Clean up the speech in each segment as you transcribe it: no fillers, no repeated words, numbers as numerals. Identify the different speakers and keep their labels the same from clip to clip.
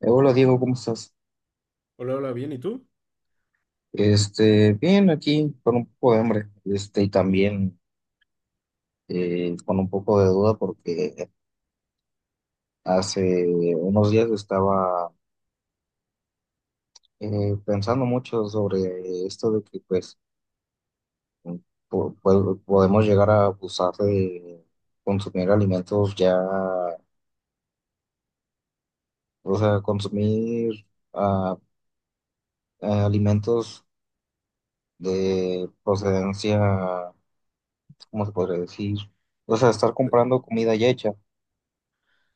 Speaker 1: Hola Diego, ¿cómo estás?
Speaker 2: Hola, hola, bien, ¿y tú?
Speaker 1: Bien, aquí con un poco de hambre, y también con un poco de duda porque hace unos días estaba pensando mucho sobre esto de que pues podemos llegar a abusar de consumir alimentos ya, o sea, consumir ah, alimentos de procedencia, ¿cómo se podría decir? O sea, estar comprando comida ya hecha.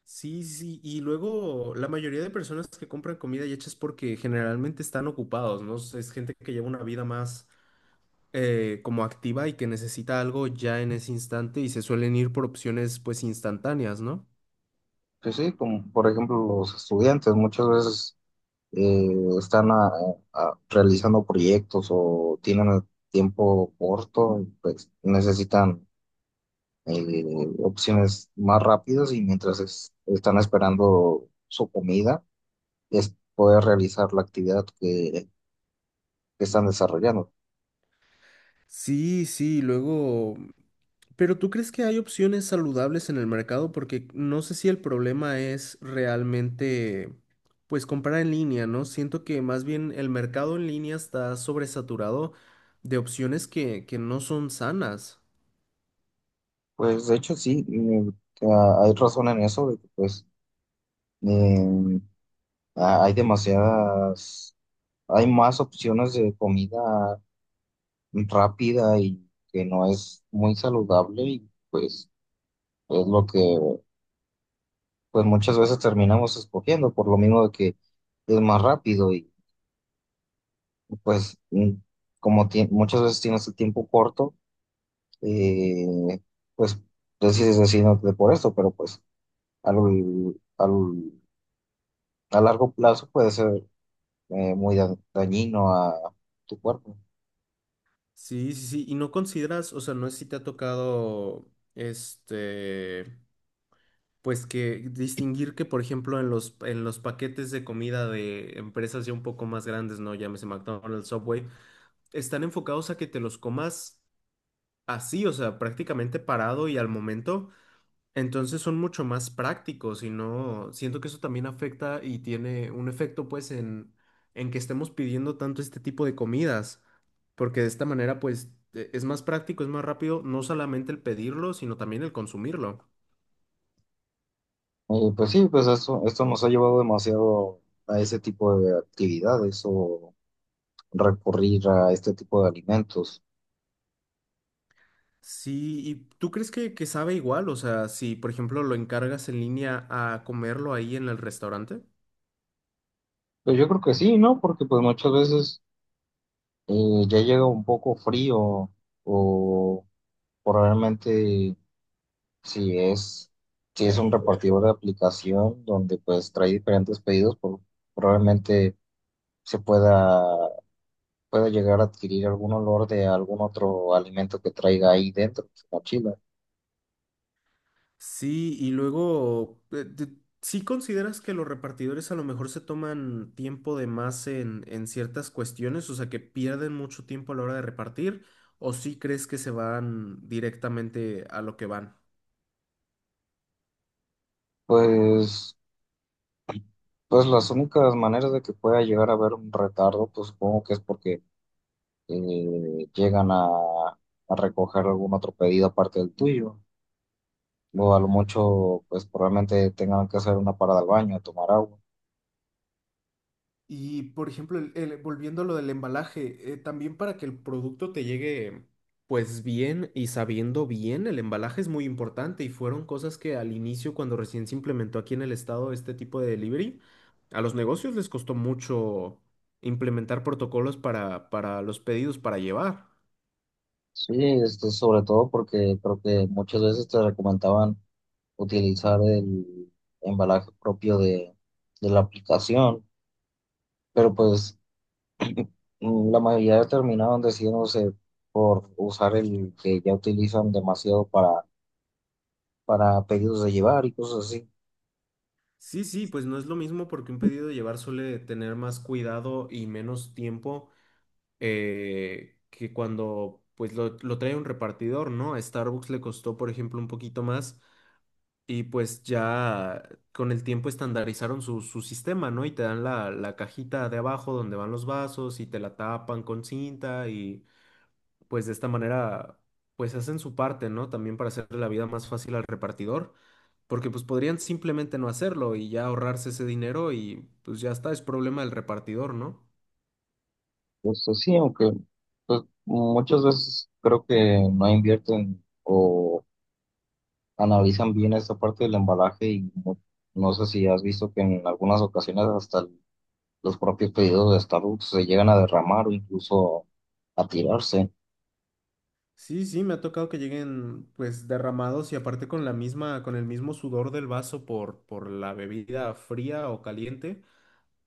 Speaker 2: Sí, sí, y luego la mayoría de personas que compran comida y hecha es porque generalmente están ocupados, ¿no? Es gente que lleva una vida más como activa y que necesita algo ya en ese instante y se suelen ir por opciones pues instantáneas, ¿no?
Speaker 1: Sí, sí, como por ejemplo los estudiantes muchas veces eh, están realizando proyectos o tienen el tiempo corto, pues necesitan eh, opciones más rápidas y mientras están esperando su comida, es poder realizar la actividad que están desarrollando.
Speaker 2: Sí, sí, luego. Pero ¿tú crees que hay opciones saludables en el mercado? Porque no sé si el problema es realmente, pues, comprar en línea, ¿no? Siento que más bien el mercado en línea está sobresaturado de opciones que no son sanas.
Speaker 1: Pues de hecho sí. Mm. Hay razón en eso, de que pues eh, hay hay más opciones de comida rápida y que no es muy saludable, y pues es lo que pues muchas veces terminamos escogiendo por lo mismo de que es más rápido. Y pues, mm, como muchas veces tienes el tiempo corto, eh, pues decides decidirte por esto, pero pues al, al- a largo plazo puede ser muy dañino a tu cuerpo.
Speaker 2: Sí, sí, sí. Y no consideras, o sea, no sé si te ha tocado, este, pues que distinguir que, por ejemplo, en los paquetes de comida de empresas ya un poco más grandes, ¿no? Llámese McDonald's, Subway, están enfocados a que te los comas así, o sea, prácticamente parado y al momento, entonces son mucho más prácticos y no, siento que eso también afecta y tiene un efecto pues en que estemos pidiendo tanto este tipo de comidas, porque de esta manera pues es más práctico, es más rápido, no solamente el pedirlo, sino también el consumirlo.
Speaker 1: Y pues sí, pues esto nos ha llevado demasiado a ese tipo de actividades o recurrir a este tipo de alimentos.
Speaker 2: Sí, ¿y tú crees que sabe igual? O sea, si por ejemplo lo encargas en línea a comerlo ahí en el restaurante.
Speaker 1: Pues yo creo que sí, ¿no? Porque pues muchas veces ya llega un poco frío o probablemente si es, si es un repartidor de aplicación donde pues trae diferentes pedidos, probablemente se pueda, pueda llegar a adquirir algún olor de algún otro alimento que traiga ahí dentro de su mochila.
Speaker 2: Sí, y luego, ¿Sí consideras que los repartidores a lo mejor se toman tiempo de más en ciertas cuestiones? O sea, que pierden mucho tiempo a la hora de repartir, ¿o sí crees que se van directamente a lo que van?
Speaker 1: Pues, pues las únicas maneras de que pueda llegar a haber un retardo, pues supongo que es porque eh, llegan a, a recoger algún otro pedido aparte del tuyo. O a lo mucho, pues probablemente tengan que hacer una parada al baño, a tomar agua.
Speaker 2: Y por ejemplo, volviendo a lo del embalaje, también para que el producto te llegue pues bien y sabiendo bien, el embalaje es muy importante y fueron cosas que al inicio, cuando recién se implementó aquí en el estado este tipo de delivery, a los negocios les costó mucho implementar protocolos para los pedidos para llevar.
Speaker 1: Sí, sobre todo porque creo que muchas veces te recomendaban utilizar el embalaje propio de la aplicación, pero pues, mm, la mayoría terminaron decidiéndose por usar el que ya utilizan demasiado para pedidos de llevar y cosas así.
Speaker 2: Sí, sí, pues no es lo mismo porque un pedido de llevar suele tener más cuidado y menos tiempo que cuando pues lo trae un repartidor, ¿no? A Starbucks le costó, por ejemplo, un poquito más y pues ya con el tiempo estandarizaron su sistema, ¿no? Y te dan la cajita de abajo donde van los vasos y te la tapan con cinta y pues de esta manera pues hacen su parte, ¿no? También para hacerle la vida más fácil al repartidor. Porque pues podrían simplemente no hacerlo y ya ahorrarse ese dinero y pues ya está, es problema del repartidor, ¿no?
Speaker 1: Justo sí, aunque pues muchas veces creo que no invierten o analizan bien esta parte del embalaje, y no, no sé si has visto que en algunas ocasiones hasta los propios pedidos de Starbucks se llegan a derramar o incluso a tirarse.
Speaker 2: Sí, sí, me ha tocado que lleguen pues derramados y aparte con la misma, con el mismo sudor del vaso por la bebida fría o caliente,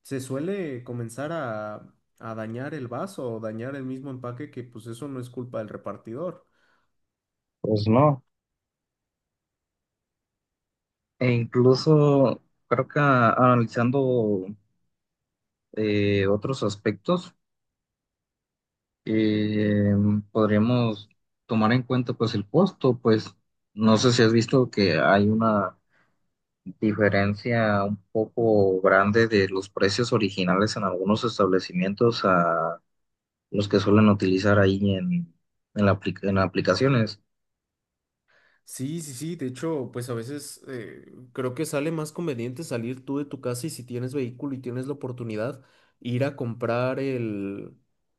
Speaker 2: se suele comenzar a dañar el vaso o dañar el mismo empaque que pues eso no es culpa del repartidor.
Speaker 1: Pues no, e incluso creo que, analizando otros aspectos, eh, podríamos tomar en cuenta pues el costo. Pues no sé si has visto que hay una diferencia un poco grande de los precios originales en algunos establecimientos a los que suelen utilizar ahí en en aplicaciones,
Speaker 2: Sí, sí, sí, de hecho, pues a veces creo que sale más conveniente salir tú de tu casa y si tienes vehículo y tienes la oportunidad, ir a comprar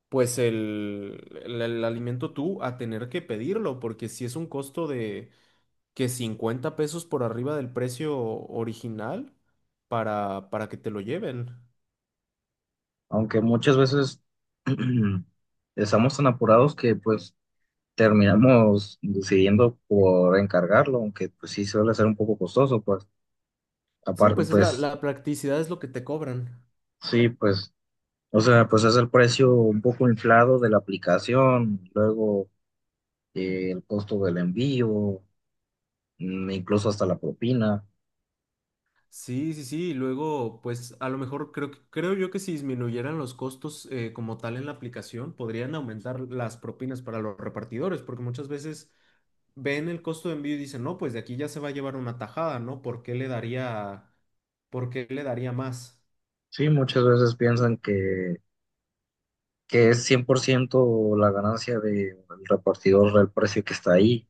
Speaker 2: pues el alimento tú a tener que pedirlo, porque si es un costo de que 50 pesos por arriba del precio original para que te lo lleven.
Speaker 1: aunque muchas veces estamos tan apurados que pues terminamos decidiendo por encargarlo, aunque pues sí suele ser un poco costoso. Pues
Speaker 2: Sí,
Speaker 1: aparte
Speaker 2: pues es la,
Speaker 1: pues
Speaker 2: la practicidad es lo que te cobran.
Speaker 1: sí, pues o sea, pues es el precio un poco inflado de la aplicación, luego el costo del envío, mm, incluso hasta la propina.
Speaker 2: Sí, sí, sí. Y luego, pues a lo mejor creo, creo yo que si disminuyeran los costos como tal en la aplicación, podrían aumentar las propinas para los repartidores, porque muchas veces ven el costo de envío y dicen, no, pues de aquí ya se va a llevar una tajada, ¿no? ¿Por qué le daría, por qué le daría más?
Speaker 1: Sí, muchas veces piensan que es 100% la ganancia del repartidor del precio que está ahí.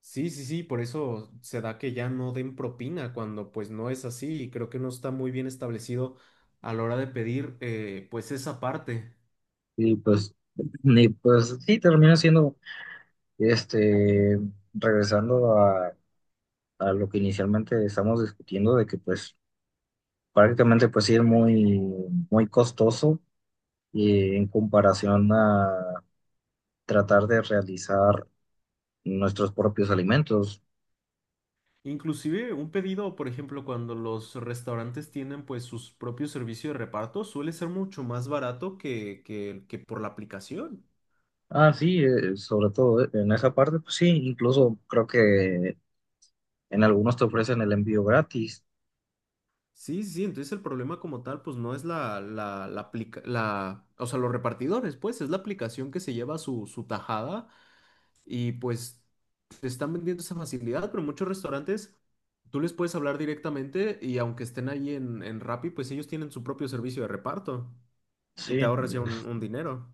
Speaker 2: Sí, sí, sí, por eso se da que ya no den propina cuando pues no es así y creo que no está muy bien establecido a la hora de pedir pues esa parte.
Speaker 1: Y pues, y pues sí, termina siendo, este, regresando a lo que inicialmente estamos discutiendo, de que pues prácticamente pues sí es muy costoso, en comparación a tratar de realizar nuestros propios alimentos.
Speaker 2: Inclusive un pedido, por ejemplo, cuando los restaurantes tienen pues sus propios servicios de reparto, suele ser mucho más barato que por la aplicación.
Speaker 1: Ah, sí, sobre todo en esa parte, pues sí, incluso creo que en algunos te ofrecen el envío gratis.
Speaker 2: Sí, sí, entonces el problema como tal pues no es la, o sea, los repartidores, pues es la aplicación que se lleva su tajada y pues te están vendiendo esa facilidad, pero muchos restaurantes tú les puedes hablar directamente y aunque estén ahí en Rappi, pues ellos tienen su propio servicio de reparto
Speaker 1: Sí,
Speaker 2: y te ahorras ya un dinero.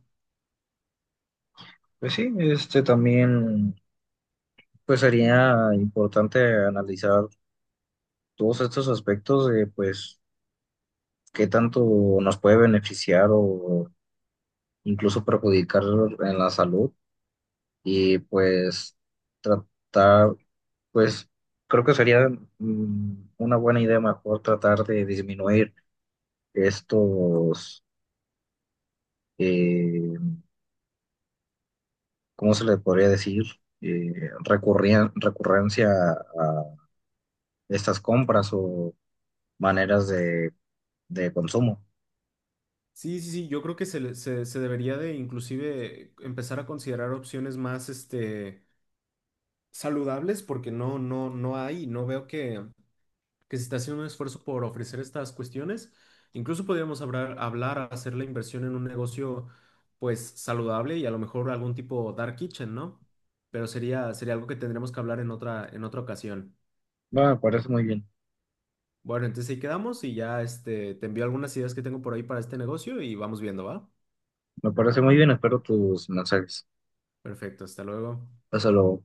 Speaker 1: pues sí, este también pues sería importante analizar todos estos aspectos de pues qué tanto nos puede beneficiar o incluso perjudicar en la salud. Y pues tratar, pues creo que sería, mm, una buena idea mejor tratar de disminuir estos, eh, ¿cómo se le podría decir? Eh, Recurrencia a estas compras o maneras de consumo.
Speaker 2: Sí, sí, sí, yo creo que se debería de inclusive empezar a considerar opciones más saludables porque no, no, no hay, no veo que se está haciendo un esfuerzo por ofrecer estas cuestiones. Incluso podríamos hablar, hacer la inversión en un negocio pues saludable y a lo mejor algún tipo dark kitchen, ¿no? Pero sería algo que tendremos que hablar en otra ocasión.
Speaker 1: Va, me parece muy bien.
Speaker 2: Bueno, entonces ahí quedamos y ya te envío algunas ideas que tengo por ahí para este negocio y vamos viendo, ¿va?
Speaker 1: Me parece muy bien, espero tus mensajes.
Speaker 2: Perfecto, hasta luego.
Speaker 1: Hasta luego.